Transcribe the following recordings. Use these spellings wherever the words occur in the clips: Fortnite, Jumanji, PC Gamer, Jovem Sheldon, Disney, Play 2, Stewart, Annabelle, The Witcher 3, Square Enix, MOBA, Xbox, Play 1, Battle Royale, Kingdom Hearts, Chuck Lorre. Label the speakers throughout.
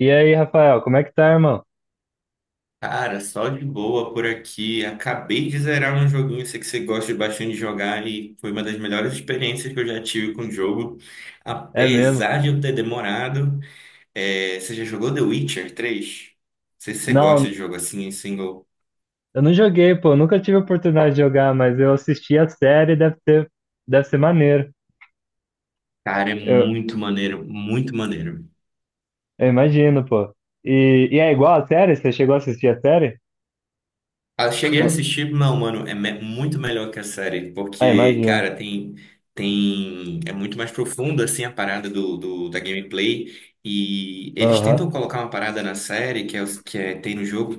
Speaker 1: E aí, Rafael, como é que tá, irmão?
Speaker 2: Cara, só de boa por aqui. Acabei de zerar um joguinho, sei que você gosta bastante de jogar e foi uma das melhores experiências que eu já tive com o jogo.
Speaker 1: É mesmo?
Speaker 2: Apesar de eu ter demorado, você já jogou The Witcher 3? Não sei se você gosta
Speaker 1: Não,
Speaker 2: de jogo assim, em single.
Speaker 1: eu não joguei, pô, nunca tive oportunidade de jogar, mas eu assisti a série, deve ser maneiro.
Speaker 2: Cara, é
Speaker 1: Eu,
Speaker 2: muito maneiro, muito maneiro.
Speaker 1: eu imagino, pô. E é igual a série? Você chegou a assistir a série?
Speaker 2: Ah, eu cheguei a
Speaker 1: Ou-
Speaker 2: assistir, não, mano, muito melhor que a série,
Speaker 1: Ah,
Speaker 2: porque,
Speaker 1: imagino.
Speaker 2: cara, tem, é muito mais profundo assim, a parada da gameplay, e eles
Speaker 1: Aham.
Speaker 2: tentam colocar uma parada na série, que é, os- que é- tem no jogo,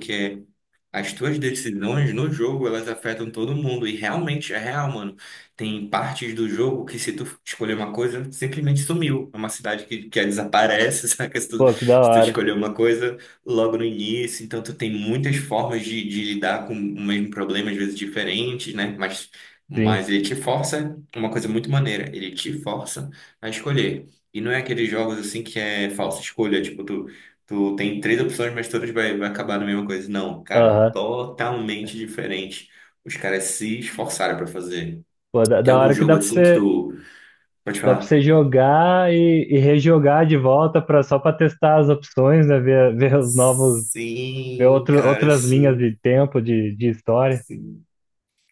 Speaker 2: as tuas decisões no jogo, elas afetam todo mundo. E realmente é real, mano. Tem partes do jogo que se tu escolher uma coisa, simplesmente sumiu. É uma cidade que desaparece, saca? Se tu,
Speaker 1: Pô, que da
Speaker 2: se tu
Speaker 1: hora.
Speaker 2: escolher uma coisa logo no início. Então tu tem muitas formas de lidar com o mesmo problema, às vezes diferentes, né? Mas,
Speaker 1: Sim.
Speaker 2: mas ele te força, uma coisa muito maneira, ele te força a escolher. E não é aqueles jogos assim que é falsa escolha, tipo, tu tem três opções, mas todas vai acabar na mesma coisa. Não, cara,
Speaker 1: Aham.
Speaker 2: totalmente diferente. Os caras se esforçaram pra fazer.
Speaker 1: Pô, da,
Speaker 2: Tem
Speaker 1: da
Speaker 2: algum
Speaker 1: hora que
Speaker 2: jogo assim que tu pode
Speaker 1: dá pra
Speaker 2: falar?
Speaker 1: você jogar e rejogar de volta pra, só pra testar as opções, né? Ver os novos, ver
Speaker 2: Sim,
Speaker 1: outro,
Speaker 2: cara,
Speaker 1: outras linhas
Speaker 2: sim,
Speaker 1: de tempo, de história.
Speaker 2: sim.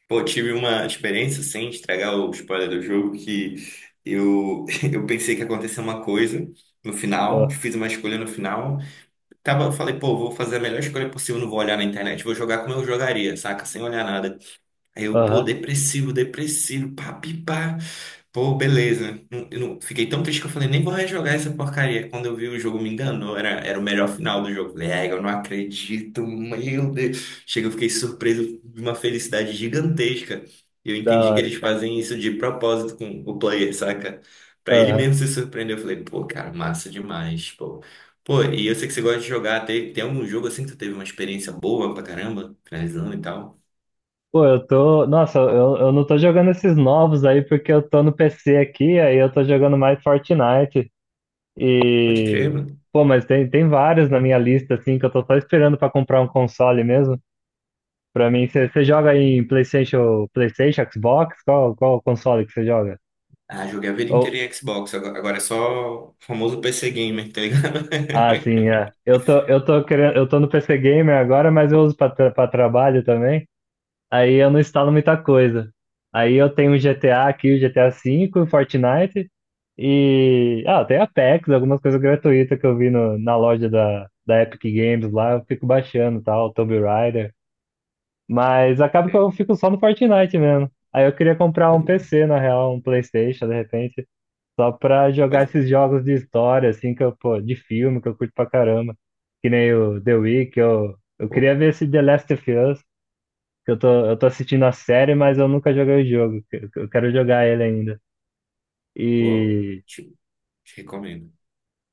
Speaker 2: Pô, tive uma experiência sem estragar o spoiler do jogo que eu, eu pensei que aconteceu uma coisa no final, fiz uma escolha no final. Tava, eu falei, pô, vou fazer a melhor escolha possível, não vou olhar na internet, vou jogar como eu jogaria, saca? Sem olhar nada. Eu, pô,
Speaker 1: Aham.
Speaker 2: depressivo, depressivo, pá, pi, pá. Pô, beleza. Eu não, fiquei tão triste que eu falei, nem vou rejogar essa porcaria. Quando eu vi o jogo, me enganou. Era o melhor final do jogo. Falei, ai, eu não acredito, meu Deus. Chega, eu fiquei surpreso de uma felicidade gigantesca. E eu
Speaker 1: Da
Speaker 2: entendi que eles
Speaker 1: hora.
Speaker 2: fazem isso de propósito com o player, saca? Pra ele
Speaker 1: Aham.
Speaker 2: mesmo se surpreender. Eu falei, pô, cara, massa demais, pô. Pô, e eu sei que você gosta de jogar. Tem algum jogo assim que tu teve uma experiência boa pra caramba? Finalizando e tal?
Speaker 1: Pô, eu tô. Nossa, eu não tô jogando esses novos aí porque eu tô no PC aqui, aí eu tô jogando mais Fortnite.
Speaker 2: Pode crer,
Speaker 1: E.
Speaker 2: mano.
Speaker 1: Pô, mas tem, tem vários na minha lista, assim, que eu tô só esperando pra comprar um console mesmo. Pra mim, você joga em PlayStation, PlayStation, Xbox? Qual console que você joga?
Speaker 2: Ah, joguei a vida
Speaker 1: Ou...
Speaker 2: inteira em Xbox. Agora é só o famoso PC Gamer, tá ligado?
Speaker 1: Ah, sim, é. Eu tô querendo, eu tô no PC Gamer agora, mas eu uso pra, tra pra trabalho também. Aí eu não instalo muita coisa. Aí eu tenho o GTA aqui, o GTA V, o Fortnite e. Ah, tem Apex, algumas coisas gratuitas que eu vi no, na loja da Epic Games lá, eu fico baixando e tal, Tomb Raider. Mas acaba que eu fico só no Fortnite mesmo. Aí eu queria comprar um
Speaker 2: Pode,
Speaker 1: PC, na real, um PlayStation, de repente, só pra jogar
Speaker 2: pode.
Speaker 1: esses jogos de história, assim, que eu, pô, de filme, que eu curto pra caramba. Que nem o The Witcher, eu
Speaker 2: Pô,
Speaker 1: queria ver esse The Last of Us que eu tô assistindo a série, mas eu nunca joguei o jogo. Que eu quero jogar ele ainda.
Speaker 2: pô,
Speaker 1: E,
Speaker 2: te, te recomendo.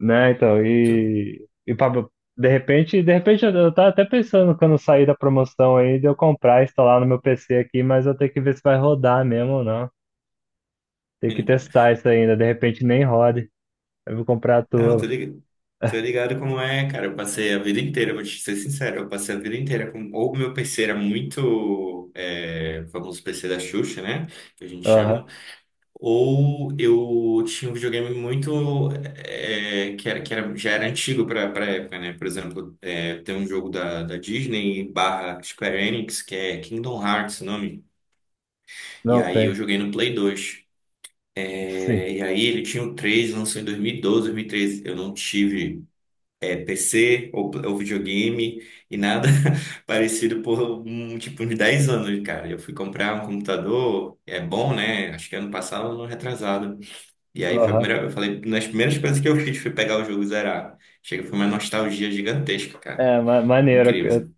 Speaker 1: né, então,
Speaker 2: Tu-
Speaker 1: e Pablo, de repente eu tava até pensando quando sair da promoção aí de eu comprar e instalar no meu PC aqui, mas eu tenho que ver se vai rodar mesmo ou não. Tem que testar isso ainda, de repente nem rode. Eu vou comprar a
Speaker 2: Não,
Speaker 1: tua.
Speaker 2: tô ligado como é, cara. Eu passei a vida inteira, vou te ser sincero, eu passei a vida inteira com. Ou meu PC era muito. É, o famoso PC da Xuxa, né? Que a gente
Speaker 1: Aham.
Speaker 2: chama. Ou eu tinha um videogame muito que era, já era antigo para a época, né? Por exemplo, é, tem um jogo da Disney barra Square Enix que é Kingdom Hearts, o nome. E
Speaker 1: Não
Speaker 2: aí eu
Speaker 1: sei.
Speaker 2: joguei no Play 2.
Speaker 1: Sim.
Speaker 2: É, e aí ele tinha o 3, lançou em 2012, 2013. Eu não tive PC ou videogame e nada parecido por um tipo uns 10 anos, cara. Eu fui comprar um computador, é bom, né? Acho que ano passado ou ano retrasado. E aí foi a
Speaker 1: Aham.
Speaker 2: primeira, eu falei, nas primeiras coisas que eu fiz foi pegar o jogo e zerar. Chega, foi uma nostalgia gigantesca, cara.
Speaker 1: É, ma maneiro.
Speaker 2: Incrível. Assim.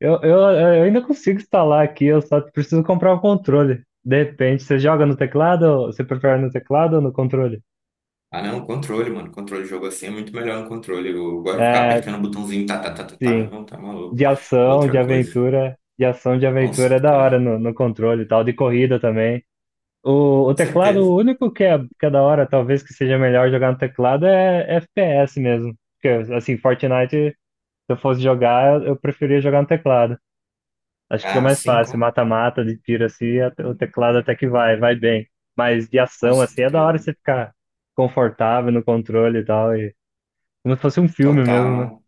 Speaker 1: Eu ainda consigo instalar aqui, eu só preciso comprar o controle. De repente, você joga no teclado? Você prefere no teclado ou no controle?
Speaker 2: Ah, não, controle, mano. Controle de jogo assim é muito melhor no controle. Eu gosto de ficar
Speaker 1: É,
Speaker 2: apertando o botãozinho, tá, meu
Speaker 1: sim.
Speaker 2: irmão, tá maluco.
Speaker 1: De
Speaker 2: É
Speaker 1: ação, de
Speaker 2: outra coisa.
Speaker 1: aventura. De ação, de
Speaker 2: Com
Speaker 1: aventura é da hora
Speaker 2: certeza.
Speaker 1: no, no controle e tal. De corrida também. O
Speaker 2: Com
Speaker 1: teclado, o
Speaker 2: certeza.
Speaker 1: único que é da hora, talvez que seja melhor jogar no teclado, é FPS mesmo. Porque, assim, Fortnite, se eu fosse jogar, eu preferia jogar no teclado. Acho que fica
Speaker 2: Ah,
Speaker 1: mais fácil, mata-mata, de tiro assim, o teclado até que vai, vai bem. Mas de
Speaker 2: com
Speaker 1: ação, assim, é da hora
Speaker 2: certeza.
Speaker 1: você ficar confortável no controle e tal, e como se fosse um filme mesmo, né?
Speaker 2: Total,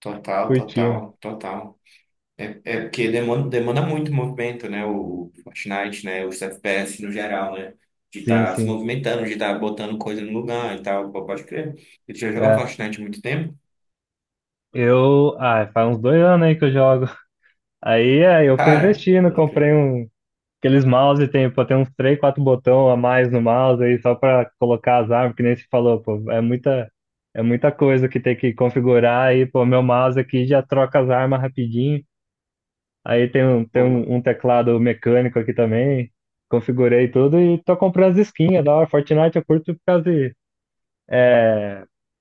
Speaker 1: Curtindo.
Speaker 2: total. É, é porque demanda muito movimento, né? O Fortnite, né? Os FPS no geral, né? De
Speaker 1: Sim,
Speaker 2: estar se
Speaker 1: sim.
Speaker 2: movimentando, de estar botando coisa no lugar e tal. Pô, pode crer. Ele já jogou
Speaker 1: É.
Speaker 2: Fortnite há muito tempo?
Speaker 1: Eu, ah, faz uns 2 anos aí que eu jogo. Aí é, eu fui
Speaker 2: Cara,
Speaker 1: investindo,
Speaker 2: pode crer.
Speaker 1: comprei um, aqueles mouse, tem, pô, tem uns três, quatro botão a mais no mouse aí, só pra colocar as armas, que nem você falou, pô, é muita coisa que tem que configurar aí, pô, meu mouse aqui já troca as armas rapidinho. Aí tem
Speaker 2: Opa.
Speaker 1: um, um teclado mecânico aqui também. Configurei tudo e tô comprando as skins. É da hora. Fortnite eu curto por causa de.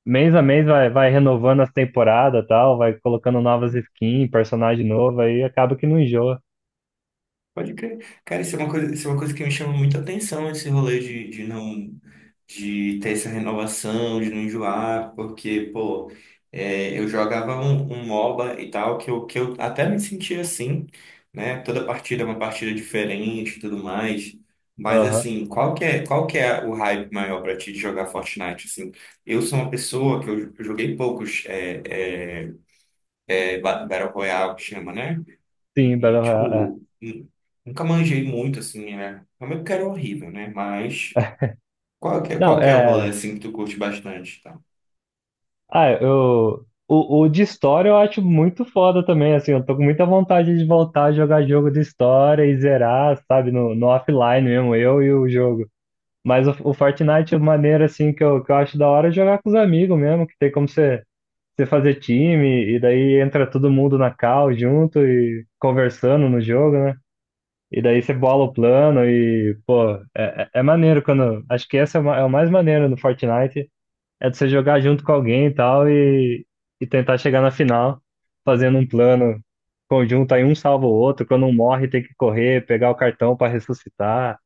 Speaker 1: Mês a mês vai, vai renovando as temporadas e tal, vai colocando novas skins, personagem novo, aí acaba que não enjoa.
Speaker 2: Pode crer. Cara, isso é uma coisa que me chama muita atenção, esse rolê de não, de ter essa renovação, de não enjoar, porque, pô, é, eu jogava um MOBA e tal, que eu até me sentia assim, né? Toda partida é uma partida diferente e tudo mais. Mas,
Speaker 1: Aham.
Speaker 2: assim, qual que é o hype maior pra ti de jogar Fortnite, assim? Eu sou uma pessoa que eu joguei poucos é, Battle Royale, que chama, né?
Speaker 1: Sim, Battle Royale. É.
Speaker 2: Tipo, nunca manjei muito, assim, né? Realmente que era horrível, né? Mas
Speaker 1: Não,
Speaker 2: qual que é o rolê,
Speaker 1: é.
Speaker 2: assim, que tu curte bastante, tá?
Speaker 1: Ah, eu. O de história eu acho muito foda também, assim. Eu tô com muita vontade de voltar a jogar jogo de história e zerar, sabe, no, no offline mesmo, eu e o jogo. Mas o Fortnite, a maneira assim que eu acho da hora é jogar com os amigos mesmo, que tem como você, você fazer time, e daí entra todo mundo na call junto e conversando no jogo, né? E daí você bola o plano e, pô, é, é é maneiro quando. Acho que essa é, é o mais maneiro no Fortnite, é de você jogar junto com alguém e tal, e tentar chegar na final fazendo um plano conjunto, aí um salva o outro, quando um morre tem que correr, pegar o cartão para ressuscitar.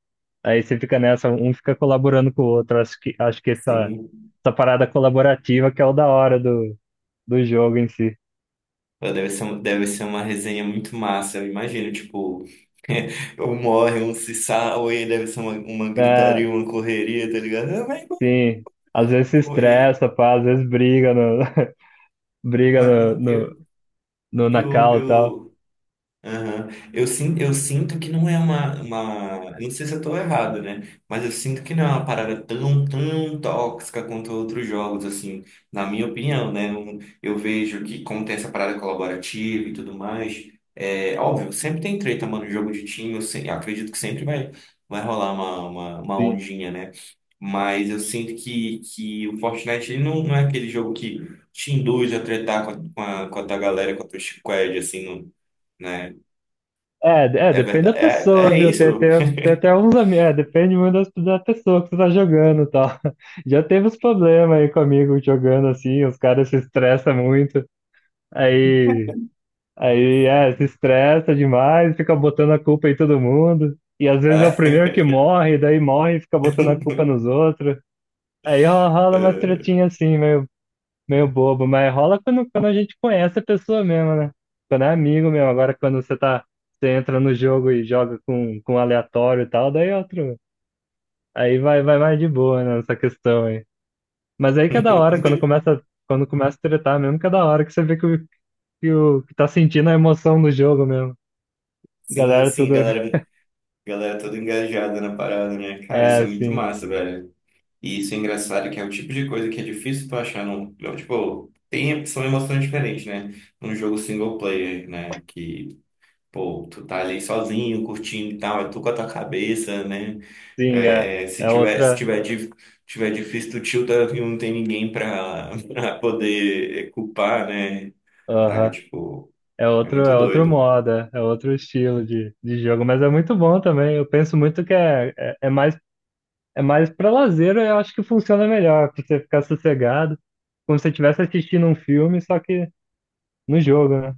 Speaker 1: Aí você fica nessa, um fica colaborando com o outro. Acho que essa,
Speaker 2: Sim.
Speaker 1: essa parada colaborativa que é o da hora do, do jogo em si.
Speaker 2: Pô, deve ser uma resenha muito massa, eu imagino, tipo... Um morre, um se salva, e deve ser uma
Speaker 1: É,
Speaker 2: gritaria, uma correria, tá ligado? Ah, mas,
Speaker 1: sim, às vezes se
Speaker 2: pô, e-
Speaker 1: estressa, pá, às vezes briga no, briga
Speaker 2: mas
Speaker 1: no,
Speaker 2: ma-
Speaker 1: no, no na cal e tal.
Speaker 2: eu, Aham. Eu sinto que não é uma. Não sei se eu tô errado, né? Mas eu sinto que não é uma parada tão tóxica quanto outros jogos, assim, na minha opinião, né? Eu, vejo que, como tem essa parada colaborativa e tudo mais, é óbvio, sempre tem treta, mano, jogo de time, eu, se- eu acredito que sempre vai rolar uma
Speaker 1: Sim.
Speaker 2: ondinha, né? Mas eu sinto que o Fortnite ele não é aquele jogo que te induz a tretar com a tua galera, com a tua squad, assim, não né?
Speaker 1: É, é,
Speaker 2: É
Speaker 1: depende
Speaker 2: verdade.
Speaker 1: da
Speaker 2: É,
Speaker 1: pessoa,
Speaker 2: é
Speaker 1: viu? Tem,
Speaker 2: isso.
Speaker 1: tem, tem até uns amigos, é, depende muito da pessoa que você tá jogando e tal. Já teve uns problemas aí comigo jogando assim, os caras se estressam muito. Aí Aí é, se estressa demais, fica botando a culpa em todo mundo. E às vezes é o primeiro
Speaker 2: É.
Speaker 1: que morre, daí morre e fica botando a culpa nos outros. Aí rola umas
Speaker 2: É.
Speaker 1: tretinhas assim, meio, meio bobo, mas rola quando, quando a gente conhece a pessoa mesmo, né? Quando é amigo mesmo. Agora quando você tá, você entra no jogo e joga com um aleatório e tal, daí é outro. Aí vai, vai mais de boa, né, nessa questão aí. Mas aí que é da hora, quando começa a tretar mesmo, que é da hora que você vê que, que, o, que tá sentindo a emoção do jogo mesmo.
Speaker 2: Sim,
Speaker 1: Galera,
Speaker 2: sim,
Speaker 1: tudo.
Speaker 2: galera, galera toda engajada na parada, né? Cara, isso
Speaker 1: É,
Speaker 2: é muito
Speaker 1: sim,
Speaker 2: massa, velho. E isso é engraçado, que é o tipo de coisa que é difícil tu achar num. Não, Tipo, tem, são emoções diferentes, né? Num jogo single player, né? Que, pô, tu tá ali sozinho, curtindo e tal, é tu com a tua cabeça, né?
Speaker 1: sim, é. É
Speaker 2: Se
Speaker 1: outra.
Speaker 2: tiver, tiver difícil, tu tilta e não tem ninguém pra, pra poder culpar, né? Saca,
Speaker 1: Aham.
Speaker 2: tipo. É muito
Speaker 1: É outro
Speaker 2: doido.
Speaker 1: modo, é é outro estilo de jogo, mas é muito bom também. Eu penso muito que é, é, é mais para lazer, eu acho que funciona melhor, pra você ficar sossegado, como se você estivesse assistindo um filme, só que no jogo, né?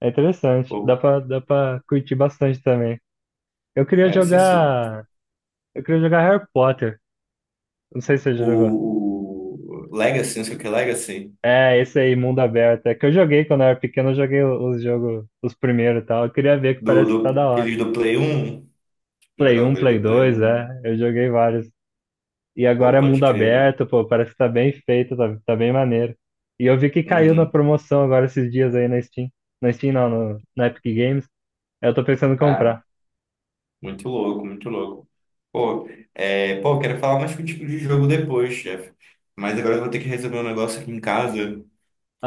Speaker 1: É interessante,
Speaker 2: Pô,
Speaker 1: dá pra curtir bastante também. Eu queria
Speaker 2: cara, isso é su...
Speaker 1: jogar. Eu queria jogar Harry Potter. Não sei se você já jogou.
Speaker 2: o Legacy, não sei o que é Legacy,
Speaker 1: É, esse aí, mundo aberto. É que eu joguei quando eu era pequeno, eu joguei os jogos, os primeiros e tal. Eu queria ver que parece que tá da hora.
Speaker 2: aqueles do Play 1,
Speaker 1: Play
Speaker 2: jogava
Speaker 1: um,
Speaker 2: aqueles
Speaker 1: Play
Speaker 2: do Play
Speaker 1: 2, é.
Speaker 2: 1,
Speaker 1: Eu joguei vários. E agora
Speaker 2: pô,
Speaker 1: é
Speaker 2: pode
Speaker 1: mundo
Speaker 2: crer.
Speaker 1: aberto, pô, parece que tá bem feito, tá, tá bem maneiro. E eu vi que caiu na
Speaker 2: Uhum.
Speaker 1: promoção agora esses dias aí na Steam. Na Steam não, no, na Epic Games. Aí eu tô pensando em
Speaker 2: Cara,
Speaker 1: comprar.
Speaker 2: muito louco, muito louco. Pô, pô, quero falar mais contigo de jogo depois, chefe. Mas agora eu vou ter que resolver um negócio aqui em casa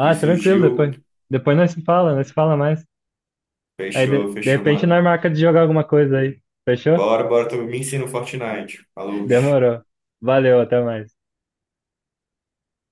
Speaker 2: que
Speaker 1: tranquilo,
Speaker 2: surgiu.
Speaker 1: depois. Depois nós se fala mais. Aí de,
Speaker 2: Fechou,
Speaker 1: de
Speaker 2: fechou,
Speaker 1: repente nós
Speaker 2: mano.
Speaker 1: marca de jogar alguma coisa aí. Fechou?
Speaker 2: Bora, bora, tu me ensina o Fortnite. Falou.
Speaker 1: Demorou. Valeu, até mais.